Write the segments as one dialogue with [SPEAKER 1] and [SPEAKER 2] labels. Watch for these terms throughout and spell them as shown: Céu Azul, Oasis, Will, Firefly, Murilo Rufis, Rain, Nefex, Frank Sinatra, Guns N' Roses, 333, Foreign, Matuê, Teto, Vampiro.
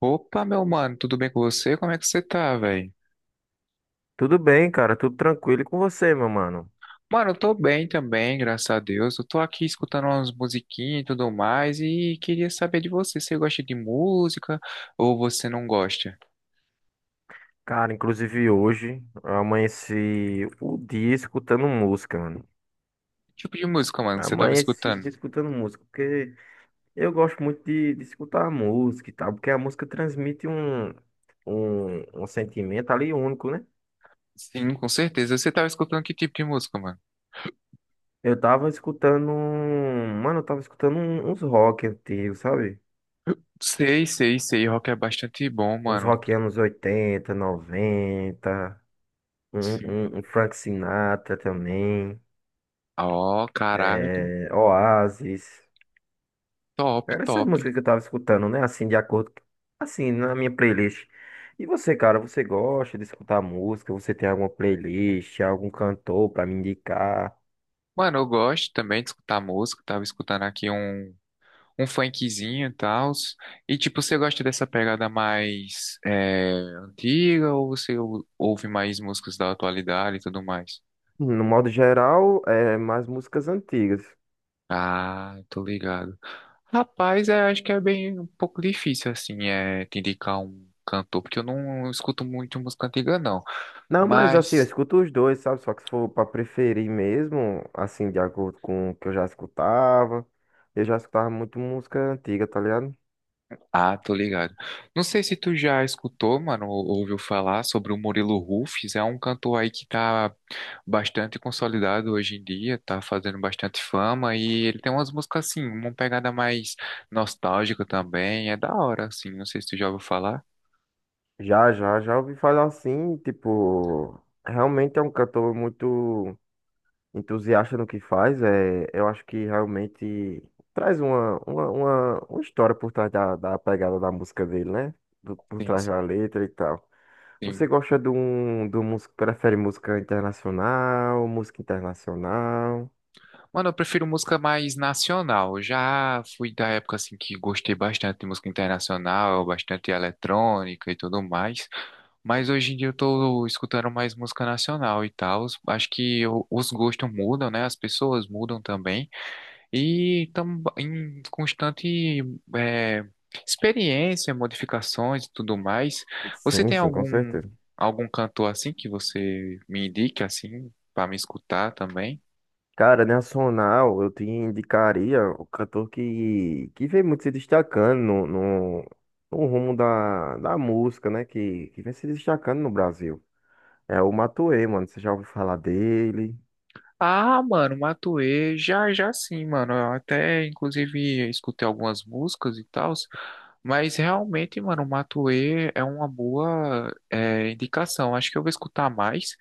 [SPEAKER 1] Opa, meu mano, tudo bem com você? Como é que você tá, velho?
[SPEAKER 2] Tudo bem, cara, tudo tranquilo e com você, meu mano.
[SPEAKER 1] Mano, eu tô bem também, graças a Deus. Eu tô aqui escutando umas musiquinhas e tudo mais e queria saber de você. Você gosta de música ou você não gosta?
[SPEAKER 2] Cara, inclusive hoje eu amanheci o dia escutando música, mano.
[SPEAKER 1] Que tipo de música, mano, você tava
[SPEAKER 2] Amanheci o
[SPEAKER 1] escutando?
[SPEAKER 2] dia escutando música, porque eu gosto muito de escutar a música e tal, porque a música transmite um sentimento ali único, né?
[SPEAKER 1] Sim, com certeza. Você tava escutando que tipo de música, mano?
[SPEAKER 2] Eu tava escutando, mano, eu tava escutando uns rock antigos, sabe?
[SPEAKER 1] Sei, sei, sei. Rock é bastante bom,
[SPEAKER 2] Uns
[SPEAKER 1] mano.
[SPEAKER 2] rock anos 80 90
[SPEAKER 1] Sim.
[SPEAKER 2] um, Frank Sinatra também.
[SPEAKER 1] Ó, caraca.
[SPEAKER 2] É, Oasis.
[SPEAKER 1] Top,
[SPEAKER 2] Era essas
[SPEAKER 1] top.
[SPEAKER 2] músicas que eu tava escutando, né? Assim, de acordo, assim, na minha playlist. E você, cara, você gosta de escutar música? Você tem alguma playlist, algum cantor pra me indicar?
[SPEAKER 1] Mano, eu gosto também de escutar música. Tava escutando aqui um funkzinho e tal. E tipo, você gosta dessa pegada mais antiga ou ouve mais músicas da atualidade e tudo mais?
[SPEAKER 2] No modo geral, é mais músicas antigas.
[SPEAKER 1] Ah, tô ligado. Rapaz, acho que é bem um pouco difícil assim, te indicar um cantor, porque eu não escuto muito música antiga, não.
[SPEAKER 2] Não, mas assim, eu
[SPEAKER 1] Mas
[SPEAKER 2] escuto os dois, sabe? Só que se for pra preferir mesmo, assim, de acordo com o que eu já escutava muito música antiga, tá ligado?
[SPEAKER 1] ah, tô ligado. Não sei se tu já escutou, mano, ou ouviu falar sobre o Murilo Rufis. É um cantor aí que tá bastante consolidado hoje em dia, tá fazendo bastante fama e ele tem umas músicas assim, uma pegada mais nostálgica também. É da hora, assim. Não sei se tu já ouviu falar.
[SPEAKER 2] Já, ouvi falar assim, tipo, realmente é um cantor muito entusiasta no que faz. É, eu acho que realmente traz uma história por trás da pegada da música dele, né? Por
[SPEAKER 1] Sim,
[SPEAKER 2] trás
[SPEAKER 1] sim.
[SPEAKER 2] da letra e tal. Você
[SPEAKER 1] Sim.
[SPEAKER 2] gosta de um, do músico, prefere música internacional, música internacional?
[SPEAKER 1] Mano, eu prefiro música mais nacional. Eu já fui da época assim que gostei bastante de música internacional, bastante eletrônica e tudo mais. Mas hoje em dia eu tô escutando mais música nacional e tal. Acho que os gostos mudam, né? As pessoas mudam também. E estamos em constante é, experiência, modificações e tudo mais. Você
[SPEAKER 2] Sim,
[SPEAKER 1] tem
[SPEAKER 2] sim, com
[SPEAKER 1] algum
[SPEAKER 2] certeza.
[SPEAKER 1] algum cantor assim que você me indique assim para me escutar também?
[SPEAKER 2] Cara, nacional, eu te indicaria o cantor que vem muito se destacando no rumo da música, né? Que vem se destacando no Brasil. É o Matuê, mano. Você já ouviu falar dele?
[SPEAKER 1] Ah, mano, Matuê, já, já sim, mano. Eu até, inclusive, escutei algumas músicas e tal, mas realmente, mano, Matuê é uma boa indicação. Acho que eu vou escutar mais,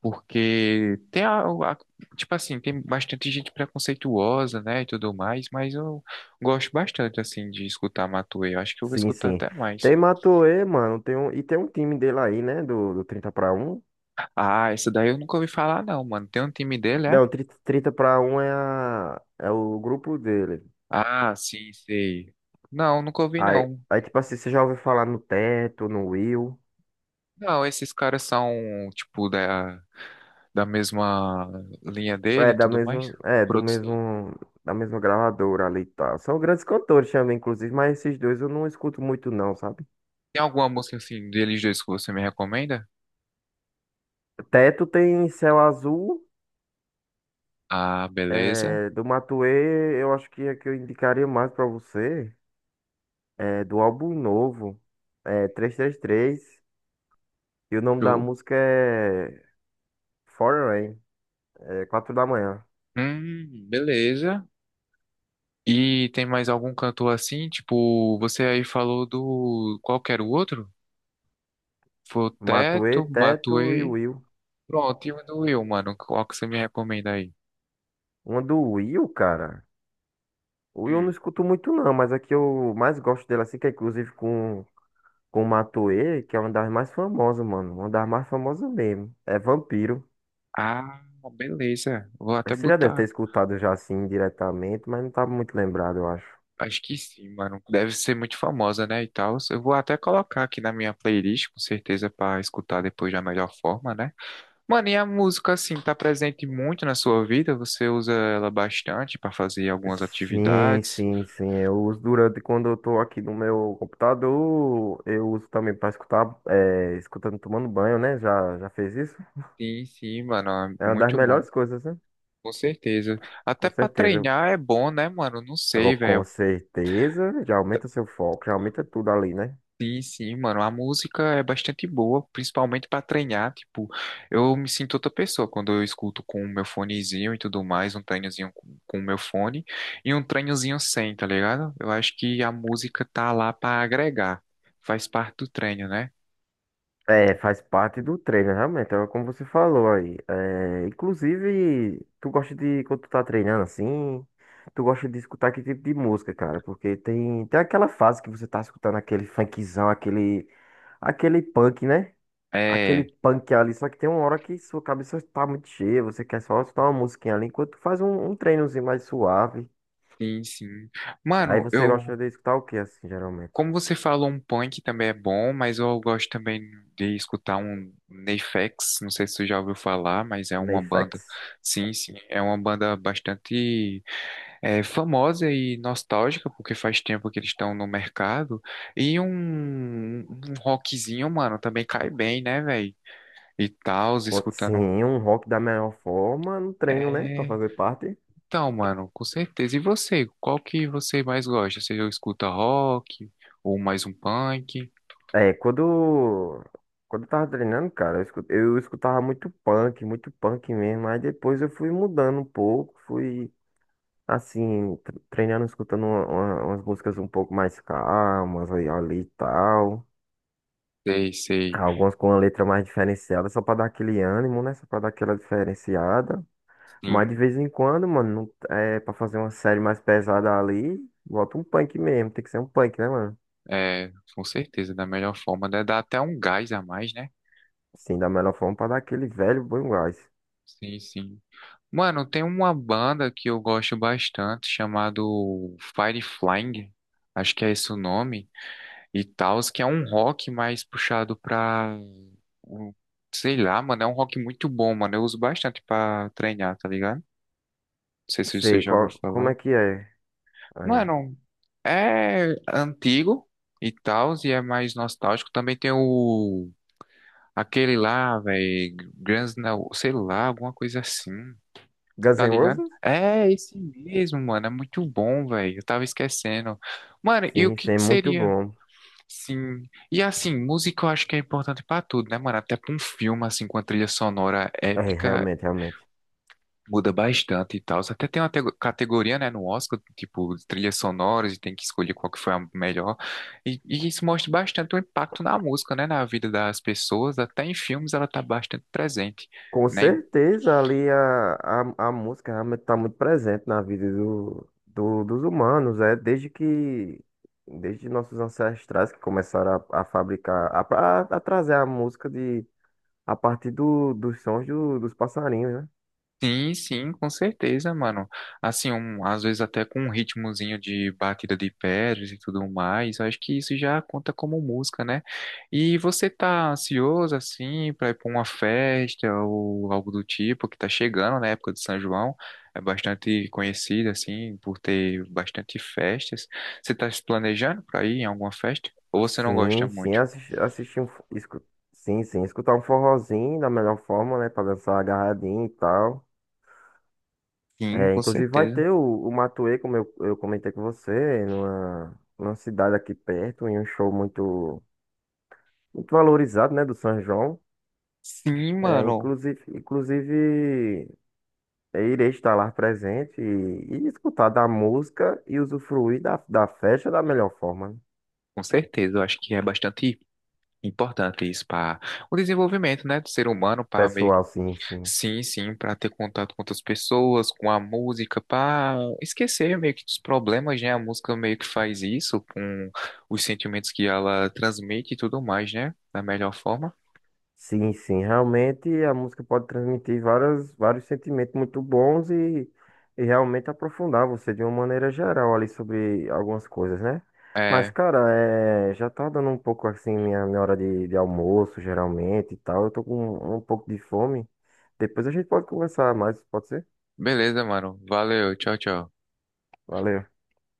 [SPEAKER 1] porque tem tipo assim, tem bastante gente preconceituosa, né, e tudo mais, mas eu gosto bastante, assim, de escutar Matuê. Eu acho que eu vou
[SPEAKER 2] Sim,
[SPEAKER 1] escutar
[SPEAKER 2] sim.
[SPEAKER 1] até mais.
[SPEAKER 2] Tem Matuê, mano. Tem um, e tem um time dele aí, né? Do 30 para um.
[SPEAKER 1] Ah, essa daí eu nunca ouvi falar, não, mano. Tem um time dele, é?
[SPEAKER 2] Não, trinta para um é o grupo dele.
[SPEAKER 1] Ah, sim, sei. Não, nunca ouvi,
[SPEAKER 2] Aí,
[SPEAKER 1] não.
[SPEAKER 2] aí, tipo assim, você já ouviu falar no Teto, no Will.
[SPEAKER 1] Não, esses caras são, tipo, da mesma linha dele
[SPEAKER 2] É
[SPEAKER 1] e
[SPEAKER 2] da
[SPEAKER 1] tudo mais.
[SPEAKER 2] mesma, é do
[SPEAKER 1] Produção.
[SPEAKER 2] mesmo, Da mesma gravadora ali e tal. São grandes cantores também, inclusive, mas esses dois eu não escuto muito não, sabe?
[SPEAKER 1] Tem alguma música, assim, deles dois que você me recomenda?
[SPEAKER 2] Teto tem Céu Azul,
[SPEAKER 1] Ah, beleza.
[SPEAKER 2] é, do Matuê, eu acho que é que eu indicaria mais pra você, é do álbum novo, é 333, e 33, e o nome da
[SPEAKER 1] Show.
[SPEAKER 2] música é Foreign, Rain, é 4 da manhã.
[SPEAKER 1] Beleza. E tem mais algum cantor assim? Tipo, você aí falou do... Qual que era o outro? Foi o
[SPEAKER 2] Matuê,
[SPEAKER 1] Teto,
[SPEAKER 2] Teto e
[SPEAKER 1] Matuê.
[SPEAKER 2] Will.
[SPEAKER 1] Pronto, e o do Will, mano. Qual que você me recomenda aí?
[SPEAKER 2] Uma do Will, cara. O Will eu não
[SPEAKER 1] Hum.
[SPEAKER 2] escuto muito não, mas a que eu mais gosto dele assim, que é inclusive com Matoê, que é uma das mais famosas, mano. Uma das mais famosas mesmo. É Vampiro.
[SPEAKER 1] Ah, beleza. Vou até
[SPEAKER 2] Você já deve ter
[SPEAKER 1] botar.
[SPEAKER 2] escutado já assim diretamente, mas não tá muito lembrado, eu acho.
[SPEAKER 1] Acho que sim, mano. Deve ser muito famosa, né? E tal. Eu vou até colocar aqui na minha playlist, com certeza, pra escutar depois da melhor forma, né? Mano, e a música, assim, tá presente muito na sua vida? Você usa ela bastante pra fazer algumas
[SPEAKER 2] Sim,
[SPEAKER 1] atividades?
[SPEAKER 2] sim, sim. Eu uso durante quando eu tô aqui no meu computador, eu uso também pra escutar, é, escutando tomando banho, né? Já, já fez isso?
[SPEAKER 1] Sim, sim, mano.
[SPEAKER 2] É
[SPEAKER 1] É
[SPEAKER 2] uma das
[SPEAKER 1] muito bom.
[SPEAKER 2] melhores coisas, né?
[SPEAKER 1] Com certeza. Até
[SPEAKER 2] Com
[SPEAKER 1] pra
[SPEAKER 2] certeza.
[SPEAKER 1] treinar é bom, né, mano? Não
[SPEAKER 2] Agora,
[SPEAKER 1] sei,
[SPEAKER 2] com
[SPEAKER 1] velho.
[SPEAKER 2] certeza, já aumenta o seu foco, já aumenta tudo ali, né?
[SPEAKER 1] Sim, sim, mano. A música é bastante boa, principalmente pra treinar. Tipo, eu me sinto outra pessoa quando eu escuto com o meu fonezinho e tudo mais, um treinozinho com o meu fone e um treinozinho sem, tá ligado? Eu acho que a música tá lá pra agregar. Faz parte do treino, né?
[SPEAKER 2] É, faz parte do treino, realmente, é como você falou aí. É, inclusive, tu gosta de, quando tu tá treinando assim, tu gosta de escutar que tipo de música, cara? Porque tem aquela fase que você tá escutando aquele funkzão, aquele, aquele punk, né? Aquele
[SPEAKER 1] É,
[SPEAKER 2] punk ali, só que tem uma hora que sua cabeça tá muito cheia, você quer só escutar uma musiquinha ali, enquanto tu faz um treinozinho mais suave.
[SPEAKER 1] sim, sim.
[SPEAKER 2] Aí
[SPEAKER 1] Mano,
[SPEAKER 2] você
[SPEAKER 1] eu
[SPEAKER 2] gosta de escutar o que, assim, geralmente?
[SPEAKER 1] como você falou, um punk também é bom, mas eu gosto também de escutar um Nefex, não sei se você já ouviu falar, mas é uma banda,
[SPEAKER 2] Neyfax?
[SPEAKER 1] sim, sim, é uma banda bastante famosa e nostálgica, porque faz tempo que eles estão no mercado, e um rockzinho, mano, também cai bem, né, velho? E tal, escutando...
[SPEAKER 2] Sim, um rock da melhor forma no treino, né? Pra
[SPEAKER 1] É,
[SPEAKER 2] fazer parte.
[SPEAKER 1] então, mano, com certeza. E você, qual que você mais gosta? Você escuta rock ou mais um punk?
[SPEAKER 2] É, quando eu tava treinando, cara, eu escutava muito punk mesmo. Aí depois eu fui mudando um pouco, fui, assim, treinando, escutando umas músicas um pouco mais calmas aí, ali e tal.
[SPEAKER 1] Sei, sei.
[SPEAKER 2] Algumas com uma letra mais diferenciada, só pra dar aquele ânimo, né? Só pra dar aquela diferenciada. Mas de
[SPEAKER 1] Sim.
[SPEAKER 2] vez em quando, mano, é pra fazer uma série mais pesada ali, bota um punk mesmo. Tem que ser um punk, né, mano?
[SPEAKER 1] É, com certeza, da melhor forma. Dá até um gás a mais, né?
[SPEAKER 2] Sim, da melhor forma para dar aquele velho bom gás.
[SPEAKER 1] Sim, sim. Mano, tem uma banda que eu gosto bastante, chamado Firefly, acho que é esse o nome, e tal, que é um rock mais puxado pra, um- sei lá, mano, é um rock muito bom, mano. Eu uso bastante pra treinar, tá ligado? Não sei
[SPEAKER 2] Não
[SPEAKER 1] se você
[SPEAKER 2] sei,
[SPEAKER 1] já ouviu
[SPEAKER 2] qual, como
[SPEAKER 1] falar.
[SPEAKER 2] é que é? Aí.
[SPEAKER 1] Mano, é antigo e tal, e é mais nostálgico. Também tem o aquele lá, velho, Guns N' Roses, sei lá, alguma coisa assim,
[SPEAKER 2] Guns
[SPEAKER 1] tá
[SPEAKER 2] N'
[SPEAKER 1] ligado?
[SPEAKER 2] Roses?
[SPEAKER 1] É, esse mesmo, mano, é muito bom, velho, eu tava esquecendo. Mano, e o
[SPEAKER 2] Sim,
[SPEAKER 1] que
[SPEAKER 2] sim,
[SPEAKER 1] que
[SPEAKER 2] muito
[SPEAKER 1] seria?
[SPEAKER 2] bom.
[SPEAKER 1] Sim, e assim, música eu acho que é importante pra tudo, né, mano? Até pra um filme, assim, com a trilha sonora
[SPEAKER 2] É,
[SPEAKER 1] épica,
[SPEAKER 2] realmente, realmente.
[SPEAKER 1] muda bastante e tal. Até tem uma categoria, né, no Oscar, tipo, de trilhas sonoras, e tem que escolher qual que foi a melhor. E isso mostra bastante o impacto na música, né, na vida das pessoas. Até em filmes ela tá bastante presente,
[SPEAKER 2] Com
[SPEAKER 1] né?
[SPEAKER 2] certeza ali a música realmente está muito presente na vida dos humanos, é desde que desde nossos ancestrais que começaram a fabricar, a trazer a música de a partir dos sons dos passarinhos, né?
[SPEAKER 1] Sim, sim, com certeza, mano. Assim, às vezes até com um ritmozinho de batida de pedras e tudo mais, eu acho que isso já conta como música, né? E você tá ansioso, assim, pra ir pra uma festa ou algo do tipo, que tá chegando na época de São João, é bastante conhecida, assim, por ter bastante festas. Você tá se planejando pra ir em alguma festa? Ou você não gosta
[SPEAKER 2] Sim, sim,
[SPEAKER 1] muito?
[SPEAKER 2] assisti, assisti um. Fo- Escu, sim, sim, escutar um forrozinho da melhor forma, né? Pra dançar agarradinho e tal.
[SPEAKER 1] Sim,
[SPEAKER 2] É,
[SPEAKER 1] com
[SPEAKER 2] inclusive vai
[SPEAKER 1] certeza.
[SPEAKER 2] ter o Matuê, como eu comentei com você, numa cidade aqui perto, em um show muito, muito valorizado, né, do São João.
[SPEAKER 1] Sim,
[SPEAKER 2] É,
[SPEAKER 1] mano,
[SPEAKER 2] inclusive, eu irei estar lá presente e escutar da música e usufruir da festa da melhor forma, né?
[SPEAKER 1] com certeza. Eu acho que é bastante importante isso para o desenvolvimento, né, do ser humano, para
[SPEAKER 2] Pessoal, sim, sim.
[SPEAKER 1] sim, sim, para ter contato com outras pessoas, com a música, para esquecer meio que dos problemas, né? A música meio que faz isso com os sentimentos que ela transmite e tudo mais, né? Da melhor forma.
[SPEAKER 2] Sim, sim, realmente a música pode transmitir várias, vários sentimentos muito bons e realmente aprofundar você de uma maneira geral ali sobre algumas coisas, né? Mas,
[SPEAKER 1] É,
[SPEAKER 2] cara, é, já tá dando um pouco assim minha hora de almoço, geralmente e tal. Eu tô com um pouco de fome. Depois a gente pode conversar mais, pode ser?
[SPEAKER 1] beleza, mano. Valeu, tchau, tchau.
[SPEAKER 2] Valeu.